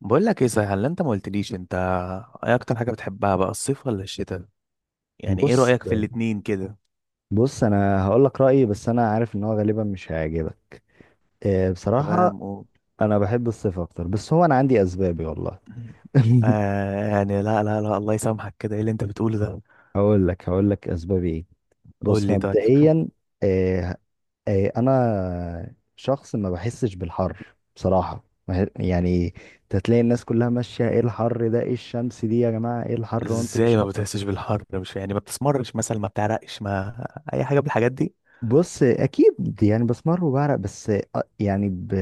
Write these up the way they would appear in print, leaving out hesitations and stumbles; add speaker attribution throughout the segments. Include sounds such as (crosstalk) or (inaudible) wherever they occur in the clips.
Speaker 1: بقول لك ايه صحيح اللي انت ما قلتليش؟ انت ايه اكتر حاجه بتحبها بقى، الصيف ولا الشتاء؟ يعني ايه
Speaker 2: بص
Speaker 1: رايك في الاتنين كده؟
Speaker 2: بص انا هقول لك رايي، بس انا عارف ان هو غالبا مش هيعجبك. بصراحه
Speaker 1: تمام، قول.
Speaker 2: انا بحب الصيف اكتر، بس هو انا عندي اسبابي والله. (laughs)
Speaker 1: آه، يعني لا لا لا، الله يسامحك كده، ايه اللي انت بتقوله ده؟
Speaker 2: هقول لك اسبابي ايه.
Speaker 1: قول
Speaker 2: بص،
Speaker 1: لي طيب.
Speaker 2: مبدئيا آه، انا شخص ما بحسش بالحر بصراحه. ما ه- يعني تتلاقي الناس كلها ماشيه ايه الحر ده، ايه الشمس دي يا جماعه، ايه الحر، وانتوا
Speaker 1: ازاي
Speaker 2: مش.
Speaker 1: ما بتحسش بالحر؟ مش يعني ما بتسمرش مثلا، ما بتعرقش، ما اي حاجه من الحاجات دي؟
Speaker 2: بص، اكيد يعني بسمر وبعرق، بس يعني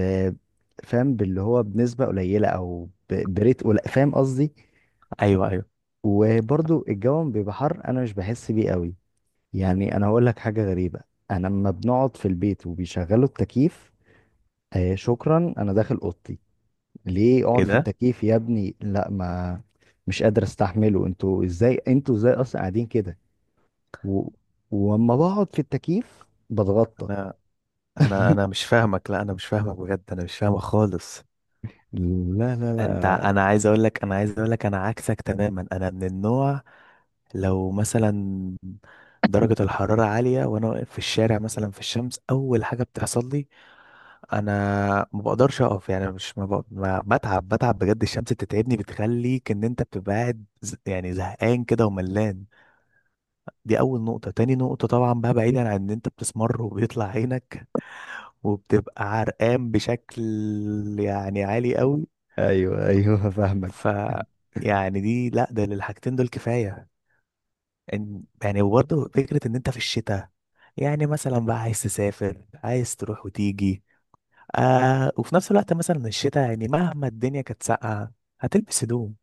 Speaker 2: فاهم، باللي هو بنسبه قليله، او بريت قليل، فاهم قصدي؟
Speaker 1: ايوه، ايوه.
Speaker 2: وبرضو الجو بيبقى حر، انا مش بحس بيه قوي. يعني انا هقول لك حاجه غريبه، انا لما بنقعد في البيت وبيشغلوا التكييف، آه شكرا، انا داخل اوضتي. ليه
Speaker 1: ايه
Speaker 2: اقعد في
Speaker 1: ده؟
Speaker 2: التكييف يا ابني؟ لا، ما مش قادر استحمله. انتوا ازاي، انتوا ازاي اصلا قاعدين كده؟ و... وأما بقعد في التكييف بتغطى.
Speaker 1: انا انا
Speaker 2: (laughs)
Speaker 1: انا مش فاهمك، لا انا مش فاهمك بجد، انا مش فاهمك خالص.
Speaker 2: لا لا لا.
Speaker 1: انا عايز اقول لك انا عكسك تماما، انا من النوع، لو مثلا درجة الحرارة عالية وأنا واقف في الشارع مثلا في الشمس، أول حاجة بتحصل لي، أنا ما بقدرش أقف، يعني مش ما بق... ما بتعب، بتعب بجد، الشمس بتتعبني، بتخليك إن أنت بتبقى قاعد يعني زهقان كده وملان. دي أول نقطة. تاني نقطة طبعا بقى، بعيدا عن إن أنت بتسمر وبيطلع عينك وبتبقى عرقان بشكل يعني عالي قوي.
Speaker 2: ايوه (laughs) ايوه، فاهمك.
Speaker 1: ف يعني دي، لا، ده للحاجتين دول كفاية. يعني وبرضه فكرة ان انت في الشتاء، يعني مثلا بقى عايز تسافر، عايز تروح وتيجي، آه، وفي نفس الوقت مثلا الشتاء يعني مهما الدنيا كانت ساقعة، هتلبس هدوم.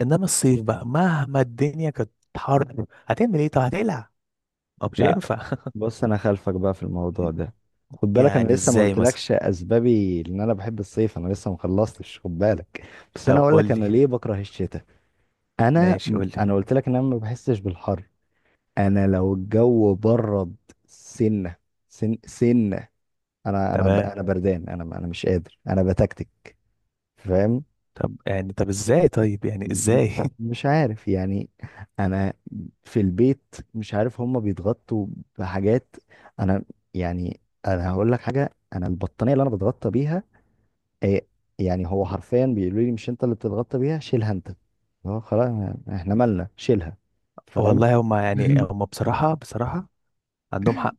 Speaker 1: انما الصيف بقى مهما الدنيا كانت حر، هتعمل ايه؟ طب هتقلع؟ ما مش
Speaker 2: لا،
Speaker 1: هينفع.
Speaker 2: بص، انا خلفك بقى في الموضوع
Speaker 1: (laughs)
Speaker 2: ده. خد بالك، انا
Speaker 1: يعني
Speaker 2: لسه ما
Speaker 1: ازاي مثلا؟
Speaker 2: قلتلكش اسبابي ان انا بحب الصيف، انا لسه ما خلصتش، خد بالك. بس انا
Speaker 1: طب
Speaker 2: اقول
Speaker 1: قول
Speaker 2: لك
Speaker 1: لي.
Speaker 2: انا ليه بكره الشتاء. انا،
Speaker 1: ماشي، قول لي.
Speaker 2: انا قلت لك ان انا ما بحسش بالحر. انا لو الجو برد سنه سن سنه، انا
Speaker 1: تمام.
Speaker 2: انا بردان، انا مش قادر، انا بتكتك، فاهم؟
Speaker 1: طب ازاي؟ طيب يعني
Speaker 2: م-
Speaker 1: ازاي؟ (laughs)
Speaker 2: مش عارف يعني. انا في البيت مش عارف هما بيتغطوا بحاجات. انا يعني، انا هقول لك حاجه، انا البطانيه اللي انا بتغطى بيها إيه، يعني هو حرفيا بيقولوا لي مش انت اللي بتتغطى بيها؟ شيلها انت، هو خلاص، احنا مالنا، شيلها. فاهم؟
Speaker 1: والله هما يعني
Speaker 2: (laughs)
Speaker 1: هما بصراحة، بصراحة عندهم حق.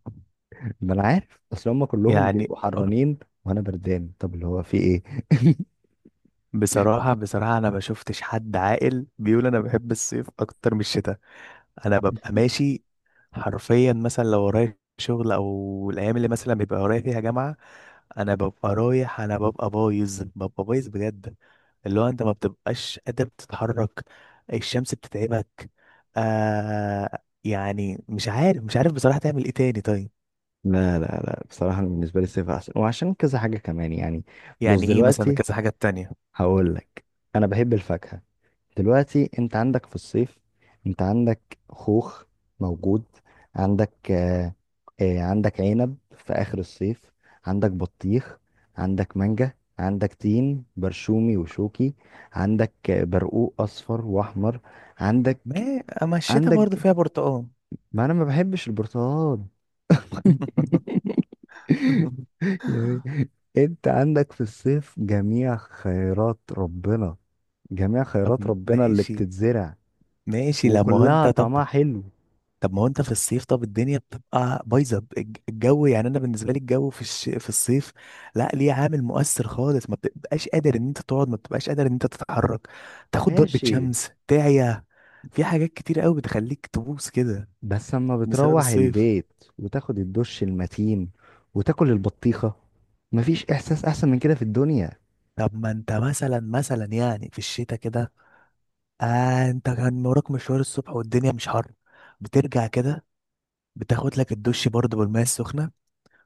Speaker 2: ما انا عارف، اصل هما كلهم
Speaker 1: يعني
Speaker 2: بيبقوا حرانين وانا بردان، طب اللي هو في ايه؟ (laughs)
Speaker 1: بصراحة، بصراحة، أنا ما شفتش حد عاقل بيقول أنا بحب الصيف أكتر من الشتاء. أنا ببقى ماشي حرفيا، مثلا لو ورايا شغل أو الأيام اللي مثلا بيبقى ورايا فيها جامعة، أنا ببقى رايح، أنا ببقى بايظ، ببقى بايظ بجد، اللي هو أنت ما بتبقاش قادر تتحرك، الشمس بتتعبك. آه، يعني مش عارف، مش عارف بصراحة تعمل إيه تاني طيب.
Speaker 2: لا لا لا، بصراحة أنا بالنسبة لي الصيف أحسن، وعشان كذا حاجة كمان يعني. بص
Speaker 1: يعني إيه مثلا
Speaker 2: دلوقتي،
Speaker 1: كذا حاجة تانية؟
Speaker 2: هقول لك، انا بحب الفاكهه. دلوقتي انت عندك في الصيف، انت عندك خوخ موجود، عندك آه، آه عندك عنب في اخر الصيف، عندك بطيخ، عندك مانجا، عندك تين برشومي وشوكي، عندك برقوق اصفر واحمر، عندك،
Speaker 1: ما أما الشتاء برضه
Speaker 2: عندك.
Speaker 1: فيها برتقال.
Speaker 2: ما انا ما بحبش البرتقال. (laughs)
Speaker 1: (laughs)
Speaker 2: يعني انت عندك في الصيف جميع خيرات ربنا، جميع
Speaker 1: طب
Speaker 2: خيرات ربنا اللي
Speaker 1: ماشي،
Speaker 2: بتتزرع
Speaker 1: ماشي لما هو انت
Speaker 2: وكلها
Speaker 1: طب.
Speaker 2: طعمها حلو.
Speaker 1: طب ما هو انت في الصيف، طب الدنيا بتبقى بايظه، الجو، يعني انا بالنسبه لي الجو في الصيف، لا، ليه عامل مؤثر خالص، ما بتبقاش قادر ان انت تقعد، ما بتبقاش قادر ان انت تتحرك، تاخد ضربة
Speaker 2: ماشي.
Speaker 1: شمس، تعيا، في حاجات كتير قوي بتخليك تبوس كده
Speaker 2: بس اما
Speaker 1: بسبب
Speaker 2: بتروح
Speaker 1: الصيف.
Speaker 2: البيت وتاخد الدش المتين وتاكل البطيخة، مفيش احساس احسن من كده في الدنيا.
Speaker 1: طب ما انت مثلا، يعني في الشتاء كده، آه، انت كان وراك مشوار الصبح والدنيا مش حر، بترجع كده، بتاخد لك الدش برضه بالماء السخنة،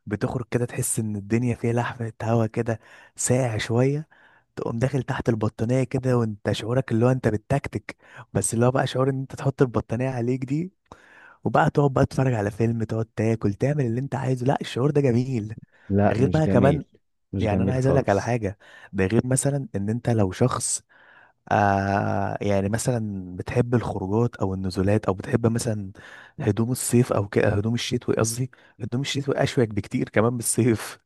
Speaker 1: بتخرج كده تحس ان الدنيا فيها لحمة هوا كده، ساقع شوية، تقوم داخل تحت البطانية كده وانت شعورك اللي هو انت بالتكتك، بس اللي هو بقى شعور ان انت تحط البطانية عليك دي، وبقى تقعد بقى تتفرج على فيلم، تقعد تاكل تعمل اللي انت عايزه، لا، الشعور ده جميل.
Speaker 2: لا،
Speaker 1: ده غير
Speaker 2: مش
Speaker 1: بقى
Speaker 2: جميل،
Speaker 1: كمان،
Speaker 2: مش
Speaker 1: يعني انا
Speaker 2: جميل
Speaker 1: عايز اقول لك على
Speaker 2: خالص.
Speaker 1: حاجة، ده غير مثلا ان انت لو شخص، آه، يعني مثلا بتحب الخروجات او النزولات او بتحب مثلا هدوم الصيف او كده، هدوم الشتوي قصدي، هدوم الشتوي اشيك بكتير كمان من الصيف،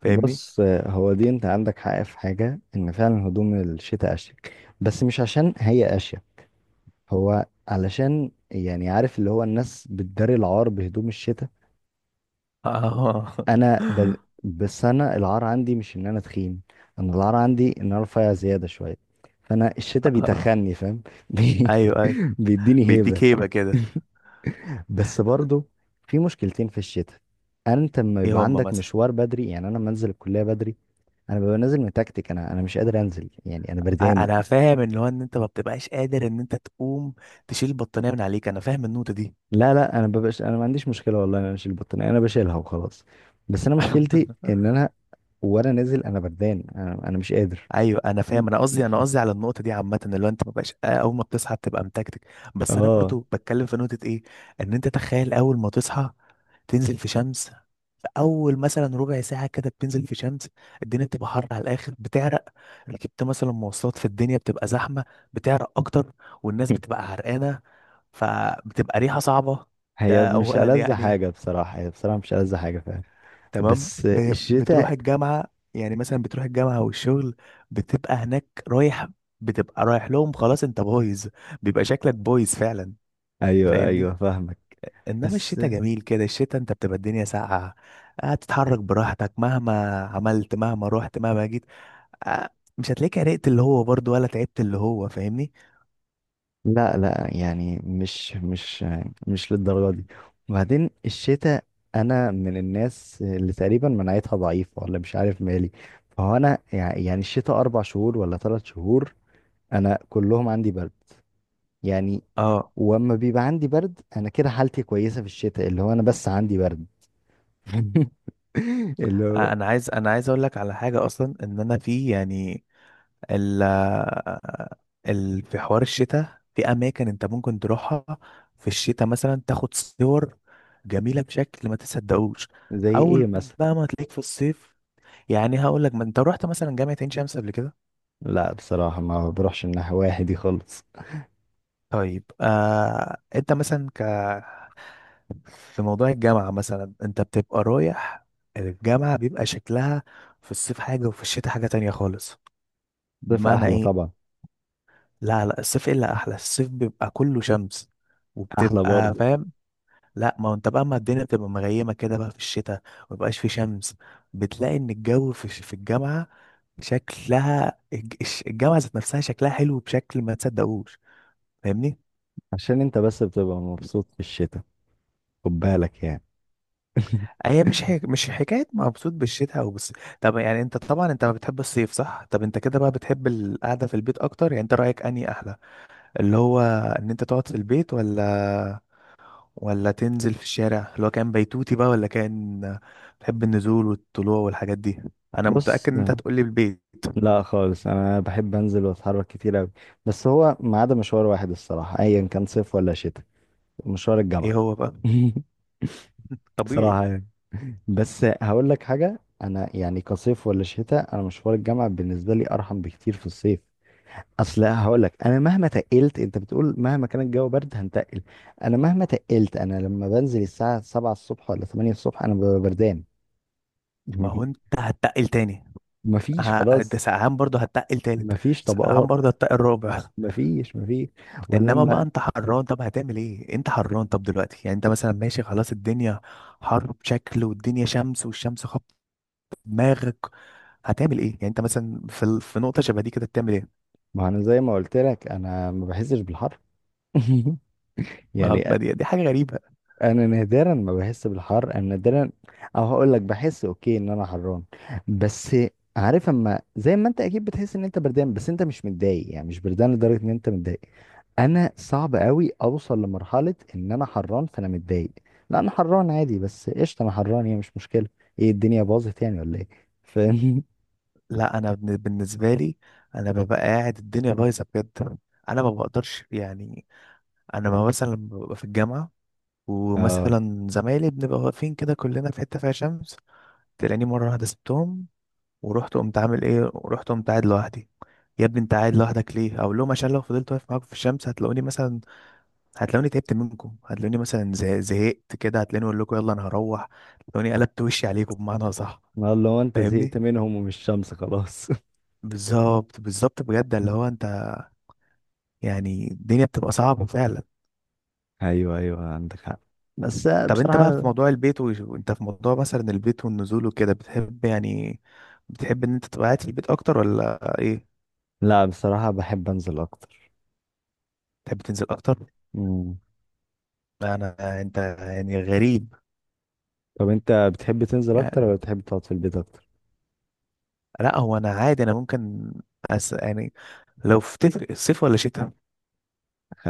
Speaker 1: فاهمني؟
Speaker 2: بص هو دي، انت عندك حق في حاجة، ان فعلا هدوم الشتاء اشيك، بس مش عشان هي اشيك، هو علشان يعني عارف، اللي هو الناس بتداري العار بهدوم الشتاء.
Speaker 1: اه.
Speaker 2: انا ب... بس انا العار عندي مش ان انا تخين، انا العار عندي ان انا رفيع زياده شويه، فانا الشتاء
Speaker 1: (laughs)
Speaker 2: بيتخني، فاهم؟ (laughs) بي...
Speaker 1: ايوه، ايوه،
Speaker 2: بيديني هيبه.
Speaker 1: بيديك هيبه كده.
Speaker 2: بس برضو في مشكلتين في الشتاء. انت لما
Speaker 1: ايه
Speaker 2: يبقى
Speaker 1: هم
Speaker 2: عندك
Speaker 1: مثلا؟
Speaker 2: مشوار بدري، يعني انا لما انزل الكليه بدري، انا ببقى نازل متكتك، انا مش قادر انزل، يعني انا بردان.
Speaker 1: انا فاهم ان هو ان انت ما بتبقاش قادر ان انت تقوم تشيل البطانيه من عليك، انا فاهم النقطه دي.
Speaker 2: لا لا، انا ببقاش، انا ما عنديش مشكله والله إن انا اشيل البطانيه، انا بشيلها وخلاص. بس انا مشكلتي
Speaker 1: (laughs)
Speaker 2: ان انا، وانا نازل، انا بردان، أنا مش قادر.
Speaker 1: ايوه، انا فاهم، انا قصدي، على النقطه دي عامه، اللي هو انت ما بقاش آه، اول ما بتصحى بتبقى متكتك.
Speaker 2: (laughs)
Speaker 1: بس انا
Speaker 2: اه.
Speaker 1: برضو بتكلم في نقطه ايه، ان انت تخيل اول ما تصحى، تنزل في شمس، اول مثلا ربع ساعه كده بتنزل في شمس، الدنيا بتبقى حر على الاخر، بتعرق، ركبت مثلا مواصلات في الدنيا بتبقى زحمه، بتعرق اكتر، والناس بتبقى عرقانه، فبتبقى ريحه صعبه.
Speaker 2: هي
Speaker 1: ده
Speaker 2: مش
Speaker 1: اولا
Speaker 2: ألذ
Speaker 1: يعني.
Speaker 2: حاجة بصراحة، هي بصراحة مش ألذ حاجة فعلا.
Speaker 1: تمام،
Speaker 2: بس
Speaker 1: بتروح
Speaker 2: الشتاء،
Speaker 1: الجامعة، يعني مثلا بتروح الجامعة والشغل، بتبقى هناك رايح، بتبقى رايح لهم، خلاص انت بايظ، بيبقى شكلك بايظ فعلا،
Speaker 2: أيوه
Speaker 1: فاهمني؟
Speaker 2: أيوه فاهمك.
Speaker 1: انما
Speaker 2: بس
Speaker 1: الشتاء جميل كده، الشتاء انت بتبقى الدنيا ساقعة، هتتحرك براحتك مهما عملت مهما رحت مهما جيت، آه، مش هتلاقيك عرقت اللي هو برضو، ولا تعبت اللي هو، فاهمني؟
Speaker 2: لا لا، يعني مش للدرجة دي. وبعدين الشتاء، أنا من الناس اللي تقريبا مناعتها ضعيفة، ولا مش عارف مالي. فهو أنا يعني الشتاء أربع شهور ولا ثلاث شهور، أنا كلهم عندي برد، يعني.
Speaker 1: اه.
Speaker 2: واما بيبقى عندي برد أنا كده حالتي كويسة في الشتاء، اللي هو أنا بس عندي برد. (laughs) اللي هو،
Speaker 1: انا عايز اقول لك على حاجة اصلا، ان انا في يعني ال ال في حوار الشتاء، في اماكن انت ممكن تروحها في الشتاء مثلا، تاخد صور جميله بشكل ما تصدقوش.
Speaker 2: زي إيه؟
Speaker 1: اول بقى ما تلاقيك في الصيف، يعني هقول لك ما انت رحت مثلا جامعه عين شمس قبل كده؟
Speaker 2: لا بصراحة ما بروحش من ناحية واحد دي خالص.
Speaker 1: طيب، انت مثلا في موضوع الجامعه مثلا انت بتبقى رايح، الجامعه بيبقى شكلها في الصيف حاجه وفي الشتاء حاجه تانية خالص،
Speaker 2: الصيف
Speaker 1: بمعنى
Speaker 2: أحلى
Speaker 1: ايه؟
Speaker 2: طبعا.
Speaker 1: لا، لا، الصيف احلى، الصيف بيبقى كله شمس
Speaker 2: أحلى
Speaker 1: وبتبقى
Speaker 2: برضه.
Speaker 1: فاهم. لا، ما هو انت بقى اما الدنيا بتبقى مغيمه كده بقى في الشتاء ومبقاش في شمس، بتلاقي ان الجو في الجامعه، شكلها الجامعه ذات نفسها شكلها حلو بشكل ما تصدقوش، فاهمني؟
Speaker 2: عشان أنت بس بتبقى مبسوط في الشتاء، خد بالك يعني. (laughs)
Speaker 1: هي مش حكايه مبسوط بالشتاء او بس. طب يعني انت طبعا انت بتحب الصيف صح؟ طب انت كده بقى بتحب القعده في البيت اكتر، يعني انت رايك اني احلى اللي هو ان انت تقعد في البيت، ولا تنزل في الشارع، اللي هو كان بيتوتي بقى ولا كان بتحب النزول والطلوع والحاجات دي؟ انا
Speaker 2: بص،
Speaker 1: متاكد ان انت هتقولي البيت.
Speaker 2: لا خالص، أنا بحب أنزل وأتحرك كتير أوي. بس هو ما عدا مشوار واحد الصراحة، أيا كان صيف ولا شتاء، مشوار
Speaker 1: ايه
Speaker 2: الجامعة.
Speaker 1: هو بقى؟
Speaker 2: (laughs)
Speaker 1: طبيعي.
Speaker 2: بصراحة يعني. بس هقول لك حاجة، أنا يعني كصيف ولا شتاء، أنا مشوار الجامعة بالنسبة لي أرحم بكتير في الصيف. اصل هقول لك، انا مهما تقلت، انت بتقول مهما كان الجو برد هنتقل، انا مهما تقلت، انا لما بنزل الساعه 7 الصبح ولا 8 الصبح انا ببقى بردان.
Speaker 1: ما هو انت
Speaker 2: (laughs)
Speaker 1: هتتقل تاني.
Speaker 2: مفيش
Speaker 1: ده
Speaker 2: خلاص.
Speaker 1: سقعان برضه هتتقل تالت.
Speaker 2: مفيش
Speaker 1: سقعان
Speaker 2: طبقات.
Speaker 1: برضه هتتقل رابع.
Speaker 2: مفيش، مفيش. ولا
Speaker 1: انما بقى
Speaker 2: لما.
Speaker 1: انت حران، طب هتعمل ايه؟ انت حران طب دلوقتي، يعني انت مثلا ماشي خلاص الدنيا حر بشكل والدنيا شمس والشمس خبط دماغك، هتعمل ايه؟ يعني انت مثلا في نقطه شبه دي كده بتعمل ايه؟
Speaker 2: ما انا زي ما قلت لك، انا ما بحسش بالحر. (laughs) يعني
Speaker 1: ما دي, دي حاجه غريبه.
Speaker 2: انا نادرا ما بحس بالحر، انا نادرا. او هقول لك، بحس اوكي ان انا حران، بس عارف، اما زي ما انت اكيد بتحس ان انت بردان، بس انت مش متضايق، يعني مش بردان لدرجه ان انت متضايق. انا صعب قوي اوصل لمرحله ان انا حران فانا متضايق. لا انا حران عادي، بس قشطه انا حران، هي مش مشكله، ايه الدنيا باظت يعني ولا ايه؟ فاهم؟
Speaker 1: لا، انا بالنسبه لي انا ببقى قاعد الدنيا بايظه بجد، انا ما بقدرش يعني انا ما مثلا ببقى في الجامعه
Speaker 2: (laughs) اه.
Speaker 1: ومثلا زمايلي بنبقى واقفين كده كلنا في حتة فيها شمس، تلاقيني مرة واحدة سبتهم ورحت قمت عامل ايه؟ ورحت قمت قاعد لوحدي، يا ابني انت قاعد لوحدك ليه؟ اقول لهم عشان لو فضلت واقف معاكم في الشمس، هتلاقوني مثلا هتلاقوني تعبت منكم، هتلاقوني مثلا زهقت كده، هتلاقوني اقول لكم يلا انا هروح، هتلاقوني قلبت وشي عليكم بمعنى صح،
Speaker 2: والله انت زهقت
Speaker 1: فاهمني؟
Speaker 2: منهم ومش شمس خلاص.
Speaker 1: بالظبط، بالظبط بجد، اللي هو انت يعني الدنيا بتبقى صعبة فعلا.
Speaker 2: (laughs) ايوه ايوه عندك حق، بس
Speaker 1: طب انت بقى في
Speaker 2: بصراحه.
Speaker 1: موضوع البيت وانت في موضوع مثلا البيت والنزول وكده بتحب يعني بتحب ان انت تبقى قاعد في البيت اكتر ولا ايه؟
Speaker 2: لا بصراحه، بحب انزل اكتر.
Speaker 1: تحب تنزل اكتر؟
Speaker 2: مم.
Speaker 1: لا، انت يعني غريب.
Speaker 2: طب انت بتحب تنزل اكتر ولا
Speaker 1: يعني،
Speaker 2: بتحب تقعد في البيت اكتر؟
Speaker 1: لا، هو انا عادي انا ممكن يعني لو في تفرق الصيف ولا شتاء،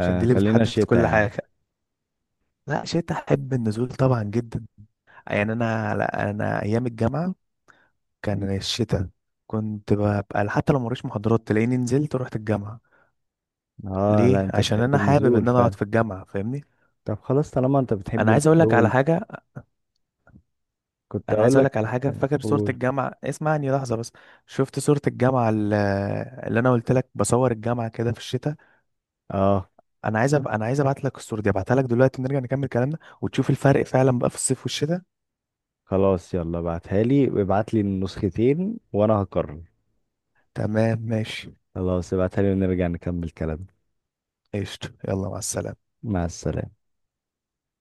Speaker 1: عشان دي اللي
Speaker 2: خلينا
Speaker 1: بتحدد
Speaker 2: شتاء
Speaker 1: كل
Speaker 2: يا عم.
Speaker 1: حاجة. لا، شتاء احب النزول طبعا جدا. يعني، انا لا انا ايام الجامعة كان الشتاء، كنت ببقى حتى لو موريش محاضرات تلاقيني نزلت ورحت الجامعة.
Speaker 2: اه لا،
Speaker 1: ليه؟
Speaker 2: انت
Speaker 1: عشان
Speaker 2: بتحب
Speaker 1: انا حابب
Speaker 2: النزول
Speaker 1: ان انا اقعد
Speaker 2: فعلا.
Speaker 1: في الجامعة، فاهمني؟
Speaker 2: طب خلاص، طالما انت بتحب
Speaker 1: انا عايز اقول لك على
Speaker 2: النزول،
Speaker 1: حاجه،
Speaker 2: كنت
Speaker 1: انا عايز
Speaker 2: اقول
Speaker 1: اقول
Speaker 2: لك.
Speaker 1: لك على حاجه، فاكر صوره
Speaker 2: قول.
Speaker 1: الجامعه؟ اسمعني لحظه بس. شفت صوره الجامعه اللي انا قلت لك بصور الجامعه كده في الشتاء؟
Speaker 2: اه،
Speaker 1: انا عايز ابعت لك الصوره دي، ابعتها لك دلوقتي ونرجع نكمل كلامنا وتشوف الفرق فعلا بقى في الصيف والشتاء.
Speaker 2: خلاص يلا ابعتها لي، وابعت لي النسختين، وانا هقرر.
Speaker 1: تمام، ماشي،
Speaker 2: خلاص ابعتها لي، ونرجع نكمل كلام.
Speaker 1: قشطه، يلا مع السلامه.
Speaker 2: مع السلامة.